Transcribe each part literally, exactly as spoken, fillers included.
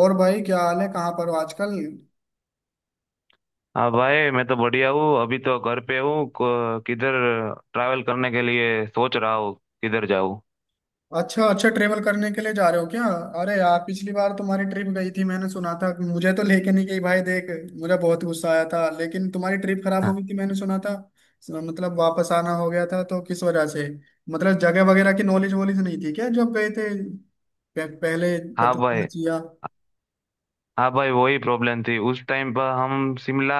और भाई, क्या हाल है? कहाँ पर हो आजकल? हाँ भाई। मैं तो बढ़िया हूँ। अभी तो घर पे हूँ। को- किधर ट्रैवल करने के लिए सोच रहा हूँ। किधर जाऊँ? अच्छा अच्छा, ट्रेवल करने के लिए जा रहे हो क्या? अरे यार, पिछली बार तुम्हारी ट्रिप गई थी, मैंने सुना था। मुझे तो लेके नहीं गई भाई, देख। मुझे बहुत गुस्सा आया था, लेकिन तुम्हारी ट्रिप खराब हो गई थी, मैंने सुना था। मतलब वापस आना हो गया था, तो किस वजह से? मतलब जगह वगैरह की नॉलेज वॉलेज नहीं थी क्या जब गए थे? पह- पहले हाँ पता चलना भाई। चाहिए। हाँ भाई वही प्रॉब्लम थी उस टाइम पर। हम शिमला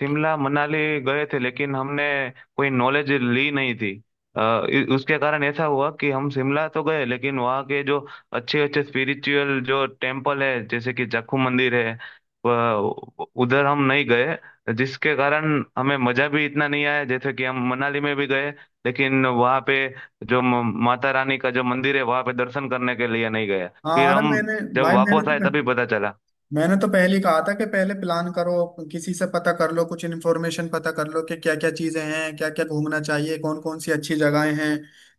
शिमला मनाली गए थे, लेकिन हमने कोई नॉलेज ली नहीं थी। अ, इ- उसके कारण ऐसा हुआ कि हम शिमला तो गए, लेकिन वहाँ के जो अच्छे अच्छे स्पिरिचुअल जो टेम्पल है, जैसे कि जाखू मंदिर है, व- उधर हम नहीं गए। जिसके कारण हमें मजा भी इतना नहीं आया। जैसे कि हम मनाली में भी गए, लेकिन वहाँ पे जो म- माता रानी का जो मंदिर है, वहाँ पे दर्शन करने के लिए नहीं गए। फिर हाँ, अरे हम मैंने जब भाई मैंने वापस आए तो तभी पता चला। मैंने तो पहले ही कहा था कि पहले प्लान करो। किसी से पता कर लो, कुछ इन्फॉर्मेशन पता कर लो कि क्या क्या चीजें हैं, क्या क्या घूमना चाहिए, कौन कौन सी अच्छी जगहें हैं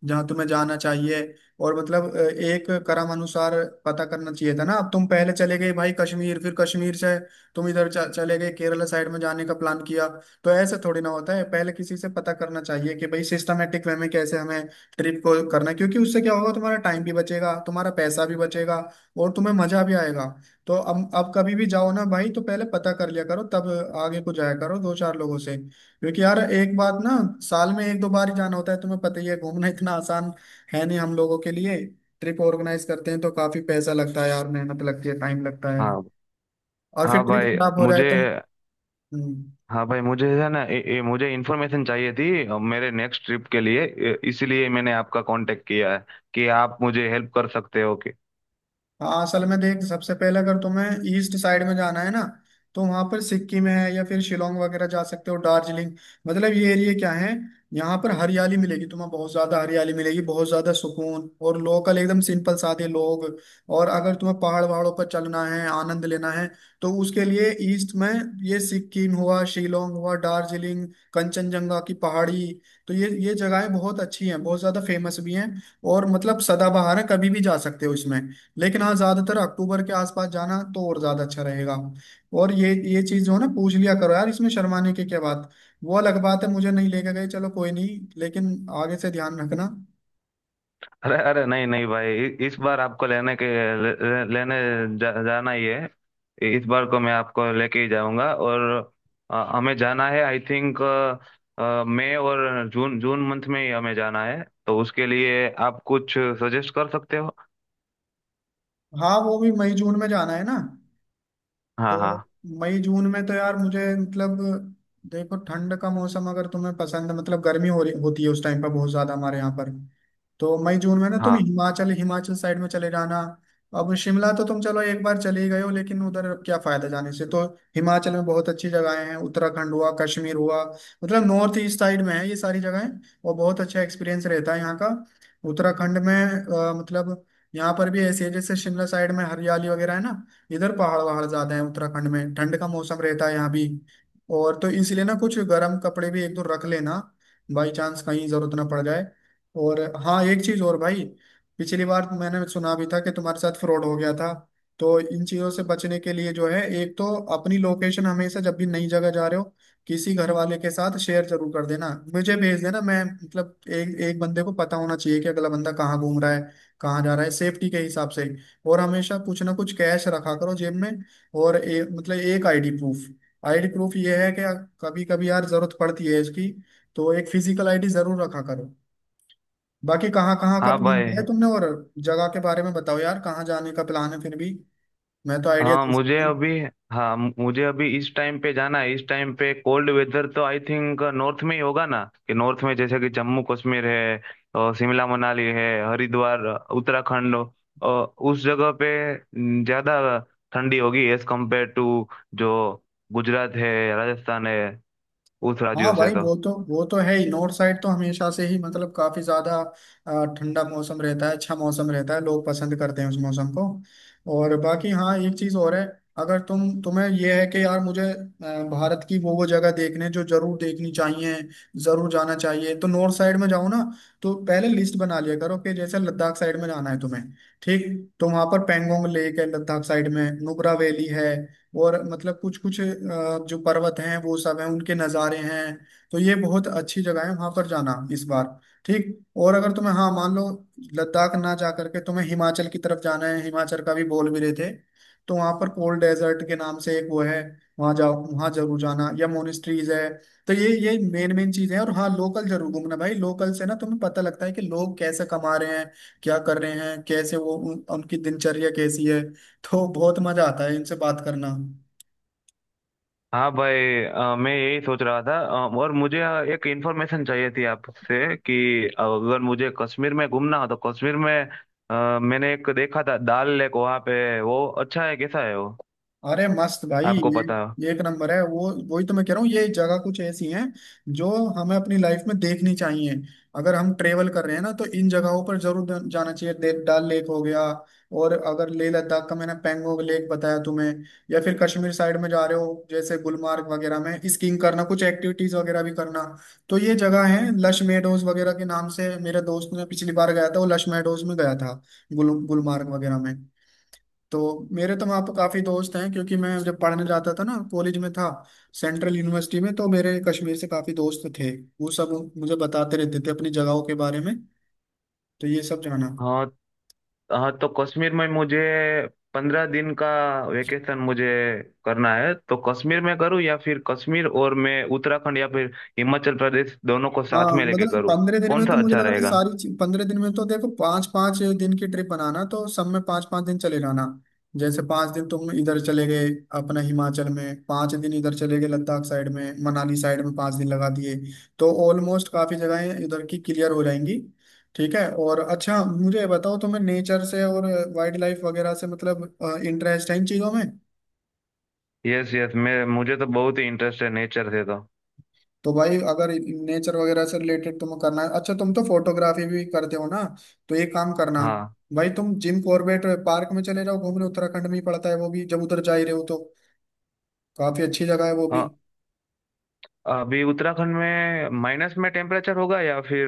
जहाँ तुम्हें जाना चाहिए। और मतलब अ, एक क्रम अनुसार पता करना चाहिए था ना। अब तुम पहले चले गए भाई कश्मीर, फिर कश्मीर से तुम इधर च- चले गए, केरला साइड में जाने का प्लान किया। तो ऐसे थोड़ी ना होता है, पहले किसी से पता करना चाहिए कि भाई सिस्टमेटिक वे में कैसे हमें ट्रिप को करना है, क्योंकि उससे क्या होगा, तुम्हारा टाइम भी बचेगा, तुम्हारा पैसा भी बचेगा, और तुम्हें मजा भी आएगा। तो अब अब कभी भी जाओ ना भाई तो पहले पता कर लिया करो, तब आगे को जाया करो दो चार लोगों से, क्योंकि यार एक बात ना, साल में एक दो बार ही जाना होता है, तुम्हें पता ही है, घूमना इतना आसान है नहीं हम लोगों के लिए। ट्रिप ऑर्गेनाइज करते हैं तो काफी पैसा लगता है यार, मेहनत लगती है, टाइम लगता है। हाँ। और फिर हाँ ट्रिप भाई खराब हो जाए मुझे तो? हम्म, हाँ भाई, मुझे है ना, ए, ए, मुझे इन्फॉर्मेशन चाहिए थी, अ, मेरे नेक्स्ट ट्रिप के लिए, ए, इसीलिए मैंने आपका कांटेक्ट किया है कि आप मुझे हेल्प कर सकते हो कि। हाँ, असल में देख, सबसे पहले अगर तुम्हें ईस्ट साइड में जाना है ना, तो वहां पर सिक्किम है, या फिर शिलोंग वगैरह जा सकते हो, दार्जिलिंग। मतलब ये एरिया क्या है, यहाँ पर हरियाली मिलेगी तुम्हें, बहुत ज्यादा हरियाली मिलेगी, बहुत ज्यादा सुकून, और लोकल एकदम सिंपल सादे लोग। और अगर तुम्हें पहाड़ वहाड़ों पर चलना है, आनंद लेना है, तो उसके लिए ईस्ट में ये सिक्किम हुआ, शिलोंग हुआ, दार्जिलिंग, कंचनजंगा की पहाड़ी। तो ये ये जगहें बहुत अच्छी हैं, बहुत ज्यादा फेमस भी हैं, और मतलब सदाबहार है, कभी भी जा सकते हो इसमें। लेकिन हाँ, ज्यादातर अक्टूबर के आसपास जाना तो और ज्यादा अच्छा रहेगा। और ये ये चीज जो है ना, पूछ लिया करो यार, इसमें शर्माने की क्या बात। वो अलग बात है, मुझे नहीं लेके गए, चलो कोई नहीं, लेकिन आगे से ध्यान रखना। अरे, अरे, नहीं, नहीं भाई, इ- इस बार आपको लेने के ले, ले- लेने जा, जाना ही है। इ- इस बार को मैं आपको लेके ही जाऊंगा। और अ, हमें जाना है, आई थिंक मई और जून जून मंथ में ही हमें जाना है, तो उसके लिए आप कुछ सजेस्ट कर सकते हो। हाँ, वो भी मई जून में जाना है ना? तो हाँ, हाँ, मई जून में तो यार मुझे मतलब, देखो, ठंड का मौसम अगर तुम्हें पसंद है, मतलब गर्मी हो रही होती है उस टाइम पर बहुत ज्यादा हमारे यहाँ पर। तो मई जून में ना तुम हाँ, हिमाचल हिमाचल साइड में चले जाना। अब शिमला तो तुम चलो एक बार चले ही गए हो, लेकिन उधर अब क्या फायदा जाने से तो? हिमाचल में बहुत अच्छी जगहें हैं, उत्तराखंड हुआ, कश्मीर हुआ, मतलब नॉर्थ ईस्ट साइड में है ये सारी जगहें। और बहुत अच्छा एक्सपीरियंस रहता है यहाँ का। उत्तराखंड में, अ, मतलब, यहाँ पर भी ऐसी है जैसे शिमला साइड में हरियाली वगैरह है ना। इधर पहाड़ वहाड़ ज्यादा है, उत्तराखंड में ठंड का मौसम रहता है यहाँ भी। और तो इसलिए ना, कुछ गर्म कपड़े भी एक दो रख लेना, बाई चांस कहीं जरूरत ना पड़ जाए। और हाँ, एक चीज और भाई, पिछली बार तो मैंने सुना भी था कि तुम्हारे साथ फ्रॉड हो गया था। तो इन चीजों से बचने के लिए जो है, एक तो अपनी लोकेशन हमेशा जब भी नई जगह जा रहे हो, किसी घर वाले के साथ शेयर जरूर कर देना। मुझे भेज देना, मैं मतलब एक एक बंदे को पता होना चाहिए कि अगला बंदा कहाँ घूम रहा है, कहाँ जा रहा है, सेफ्टी के हिसाब से। और हमेशा कुछ ना कुछ कैश रखा करो जेब में। और ए, मतलब एक आईडी प्रूफ, आईडी प्रूफ ये है कि कभी कभी यार जरूरत पड़ती है इसकी। तो एक फिजिकल आईडी जरूर रखा करो। बाकी कहाँ कहाँ का हाँ प्लान भाई। किया है तुमने, और जगह के बारे में बताओ यार, कहाँ जाने का प्लान है, फिर भी मैं तो आइडिया हाँ दे मुझे सकता। अभी हाँ, मुझे अभी इस टाइम पे जाना है। इस टाइम पे कोल्ड वेदर तो आई थिंक नॉर्थ में ही होगा ना, कि नॉर्थ में जैसे कि जम्मू कश्मीर है और शिमला मनाली है, हरिद्वार, उत्तराखंड। और उस जगह पे ज्यादा ठंडी होगी एज कम्पेयर टू जो गुजरात है, राजस्थान है, उस हाँ राज्यों से भाई, तो। वो तो वो तो है ही, नॉर्थ साइड तो हमेशा से ही मतलब काफी ज्यादा अ, ठंडा मौसम रहता है, अच्छा मौसम रहता है, लोग पसंद करते हैं उस मौसम को। और बाकी हाँ, एक चीज और है, अगर तुम तुम्हें यह है कि यार मुझे अ, भारत की वो वो जगह देखने जो जरूर देखनी चाहिए, जरूर जाना चाहिए, तो नॉर्थ साइड में जाओ ना। तो पहले लिस्ट बना लिया करो कि जैसे लद्दाख साइड में जाना है तुम्हें, ठीक? तो वहां पर पेंगोंग लेक है, लद्दाख साइड में नुब्रा वैली है, और मतलब कुछ कुछ जो पर्वत हैं वो सब हैं, उनके नज़ारे हैं। तो ये बहुत अच्छी जगह है, वहां पर जाना इस बार, ठीक? और अगर तुम्हें, हाँ, मान लो लद्दाख ना जा करके तुम्हें हिमाचल की तरफ जाना है, हिमाचल का भी बोल भी रहे थे, तो वहां पर कोल्ड डेजर्ट के नाम से एक वो है, वहां जाओ, वहां जरूर जाना, या मोनेस्ट्रीज है। तो ये ये मेन मेन चीजें हैं, और हाँ, लोकल जरूर घूमना भाई, लोकल से ना तुम्हें पता लगता है कि लोग कैसे कमा रहे हैं, क्या कर रहे हैं, कैसे वो उन, उनकी दिनचर्या कैसी है। तो बहुत मजा आता है इनसे बात करना। हाँ भाई, अ, मैं यही सोच रहा था। अ, और मुझे अ, एक इंफॉर्मेशन चाहिए थी आपसे कि अगर मुझे कश्मीर में घूमना हो तो कश्मीर में, अ, मैंने एक देखा था दाल लेक। वहाँ पे वो अच्छा है? कैसा है वो? अरे मस्त भाई, आपको पता है? ये एक नंबर है, वो वही तो मैं कह रहा हूँ, ये जगह कुछ ऐसी हैं जो हमें अपनी लाइफ में देखनी चाहिए। अगर हम ट्रेवल कर रहे हैं ना, तो इन जगहों पर जरूर द- जाना चाहिए, दे- डल लेक हो गया। और अगर लेह लद्दाख का मैंने पैंगोंग लेक बताया तुम्हें, या फिर कश्मीर साइड में जा रहे हो जैसे गुलमार्ग वगैरह में, स्कीइंग करना, कुछ एक्टिविटीज वगैरह भी करना, तो ये जगह है लश मेडोज वगैरह के नाम से, मेरे दोस्त ने पिछली बार गया था, वो लश मेडोज में गया था, गुल गुलमार्ग वगैरह में। तो मेरे तो वहाँ पर काफ़ी दोस्त हैं, क्योंकि मैं जब पढ़ने जाता था ना, कॉलेज में था सेंट्रल यूनिवर्सिटी में, तो मेरे कश्मीर से काफ़ी दोस्त थे। वो सब मुझे बताते रहते थे अपनी जगहों के बारे में, तो ये सब जाना। हाँ। हाँ, तो कश्मीर में मुझे पंद्रह दिन का वेकेशन मुझे करना है, तो कश्मीर में करूँ या फिर कश्मीर और मैं उत्तराखंड या फिर हिमाचल प्रदेश दोनों को हाँ, साथ में लेके मतलब करूँ? पंद्रह दिन कौन में सा तो मुझे अच्छा लग रहा है रहेगा? सारी चीज, पंद्रह दिन में तो देखो पाँच पाँच दिन की ट्रिप बनाना, तो सब में पाँच पाँच दिन चले जाना। जैसे पाँच दिन तुम इधर चले गए अपना हिमाचल में, पाँच दिन इधर चले गए लद्दाख साइड में, मनाली साइड में पाँच दिन लगा दिए। तो ऑलमोस्ट काफी जगहें इधर की क्लियर हो जाएंगी। ठीक है, और अच्छा, मुझे ये बताओ तुम्हें नेचर से और वाइल्ड लाइफ वगैरह से मतलब इंटरेस्ट है इन चीजों में? यस, यस, मैं मुझे तो बहुत ही इंटरेस्ट है नेचर से तो। तो भाई अगर नेचर वगैरह से रिलेटेड तुम करना है, अच्छा, तुम तो फोटोग्राफी भी करते हो ना। तो एक काम करना हाँ। भाई, तुम जिम कॉर्बेट पार्क में चले जाओ घूमने, उत्तराखंड में ही पड़ता है वो भी, जब उधर जा ही रहे हो तो काफी अच्छी जगह है वो भी। अ- अभी उत्तराखंड में माइनस में टेम्परेचर होगा या फिर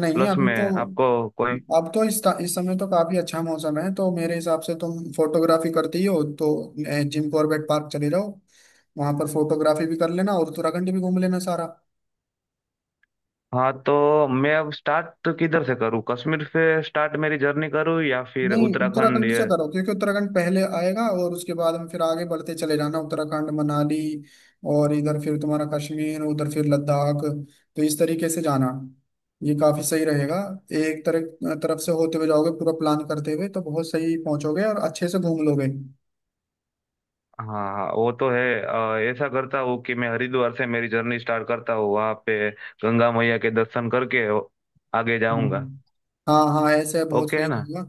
नहीं, प्लस अभी में? तो, आपको कोई। अब तो इस, इस समय तो काफी अच्छा मौसम है, तो मेरे हिसाब से तुम फोटोग्राफी करती ही हो तो अ, जिम कॉर्बेट पार्क चले जाओ। वहां पर फोटोग्राफी भी कर लेना और उत्तराखंड भी घूम लेना सारा। हाँ, तो मैं अब स्टार्ट किधर से करूँ? कश्मीर से स्टार्ट मेरी जर्नी करूँ या फिर नहीं, उत्तराखंड? उत्तराखंड ये। से करो, क्योंकि उत्तराखंड पहले आएगा, और उसके बाद हम फिर आगे बढ़ते चले जाना, उत्तराखंड, मनाली, और इधर फिर तुम्हारा कश्मीर, उधर फिर लद्दाख। तो इस तरीके से जाना, ये काफी सही रहेगा, एक तरह तरफ से होते हुए जाओगे पूरा प्लान करते हुए, तो बहुत सही पहुंचोगे और अच्छे से घूम लोगे। हाँ, हाँ, वो तो है। अ, ऐसा करता हूँ कि मैं हरिद्वार से मेरी जर्नी स्टार्ट करता हूँ, वहाँ पे गंगा मैया के दर्शन करके आगे जाऊँगा। हम्म। हाँ हाँ, ऐसे बहुत ओके, है सही ना? रहेगा,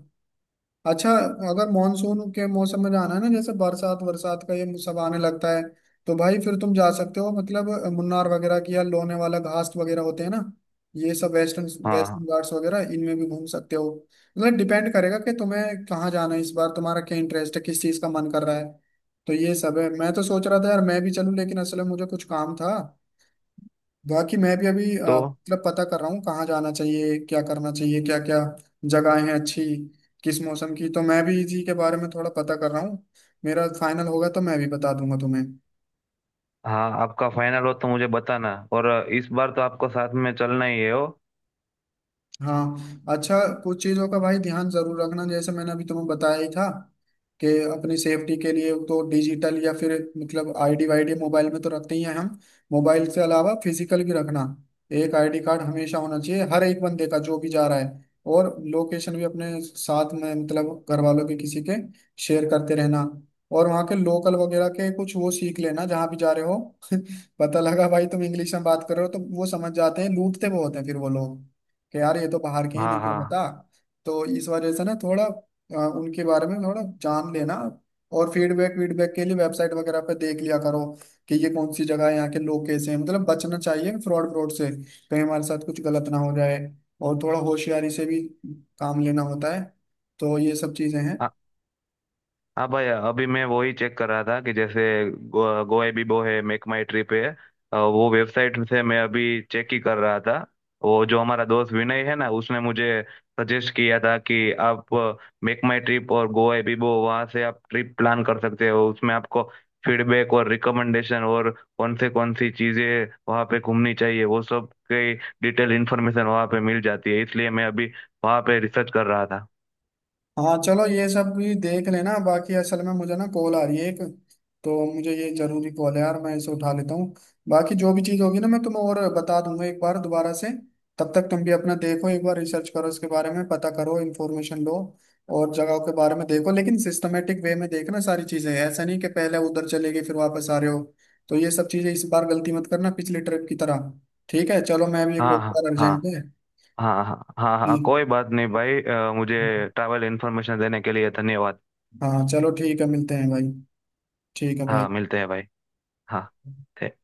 अच्छा। अगर मॉनसून के मौसम में जाना है ना, जैसे बरसात बरसात का ये सब आने लगता है, तो भाई फिर तुम जा सकते हो, मतलब मुन्नार वगैरह की, या लोने वाला घाट वगैरह होते हैं ना, ये सब वेस्टर्न हाँ, हाँ, वेस्टर्न घाट्स वगैरह, इनमें भी घूम सकते हो। मतलब डिपेंड करेगा कि तुम्हें कहाँ जाना है इस बार, तुम्हारा क्या इंटरेस्ट है, किस चीज़ का मन कर रहा है। तो ये सब है, मैं तो सोच रहा था यार मैं भी चलूँ, लेकिन असल में मुझे कुछ काम था। बाकी मैं भी अभी अ, तो मतलब पता कर रहा हूँ कहाँ जाना चाहिए, क्या करना चाहिए, क्या क्या जगहें हैं अच्छी, किस मौसम की, तो मैं भी इसी के बारे में थोड़ा पता कर रहा हूँ। मेरा फाइनल होगा तो मैं भी बता दूंगा तुम्हें। हाँ, आपका फाइनल हो तो मुझे बताना। और इस बार तो आपको साथ में चलना ही है हो। हाँ, अच्छा, कुछ चीज़ों का भाई ध्यान जरूर रखना, जैसे मैंने अभी तुम्हें बताया ही था कि अपनी सेफ्टी के लिए तो डिजिटल या फिर मतलब आईडी वाईडी मोबाइल में तो रखते ही हैं हम। मोबाइल से अलावा फिजिकल भी रखना, एक आईडी कार्ड हमेशा होना चाहिए हर एक बंदे का जो भी जा रहा है। और लोकेशन भी अपने साथ में, मतलब घर वालों के किसी के शेयर करते रहना। और वहाँ के लोकल वगैरह के कुछ वो सीख लेना जहाँ भी जा रहे हो। पता लगा भाई, तुम इंग्लिश में बात कर रहे हो तो वो समझ जाते हैं, लूटते बहुत हैं फिर वो लोग, कि यार ये तो बाहर के हैं, हाँ, नहीं क्या हाँ, पता। तो इस वजह से ना थोड़ा अ, उनके बारे में थोड़ा जान लेना। और फीडबैक वीडबैक के लिए वेबसाइट वगैरह पे देख लिया करो कि ये कौन सी जगह है, यहाँ के लोग कैसे हैं, मतलब बचना चाहिए फ्रॉड फ्रॉड से, कहीं हमारे साथ कुछ गलत ना हो जाए, और थोड़ा होशियारी से भी काम लेना होता है, तो ये सब चीजें हैं। हाँ भाई, अभी मैं वही चेक कर रहा था कि जैसे गो, गोवा बिबो है, मेक माई ट्रिप है। अ, वो वेबसाइट से मैं अभी चेक ही कर रहा था। वो जो हमारा दोस्त विनय है ना, उसने मुझे सजेस्ट किया था कि आप मेक माई ट्रिप और गोवा बिबो, वहाँ से आप ट्रिप प्लान कर सकते हो। उसमें आपको फीडबैक और रिकमेंडेशन और कौन से कौन सी चीज़ें वहाँ पे घूमनी चाहिए, वो सब की डिटेल इन्फॉर्मेशन वहाँ पे मिल जाती है, इसलिए मैं अभी वहाँ पे रिसर्च कर रहा था। हाँ चलो, ये सब भी देख लेना, बाकी असल में मुझे ना कॉल आ रही है एक, तो मुझे ये जरूरी कॉल है यार, मैं इसे उठा लेता हूँ। बाकी जो भी चीज़ होगी ना मैं तुम्हें और बता दूंगा एक बार दोबारा से। तब तक तुम भी अपना देखो, एक बार रिसर्च करो इसके बारे में, पता करो इन्फॉर्मेशन लो, और जगहों के बारे में देखो, लेकिन सिस्टमेटिक वे में देखना सारी चीज़ें, ऐसा नहीं कि पहले उधर चले गए फिर वापस आ रहे हो। तो ये सब चीज़ें इस बार गलती मत करना पिछली ट्रिप की तरह। ठीक है, चलो, मैं भी एक हाँ, और हाँ, बार, हाँ, अर्जेंट है। हाँ, हाँ, हाँ, जी, हाँ, कोई बात नहीं भाई। अ, मुझे ट्रैवल इन्फॉर्मेशन देने के लिए धन्यवाद। हाँ, चलो ठीक है, मिलते हैं भाई। ठीक है भाई। हाँ, मिलते हैं भाई। हाँ।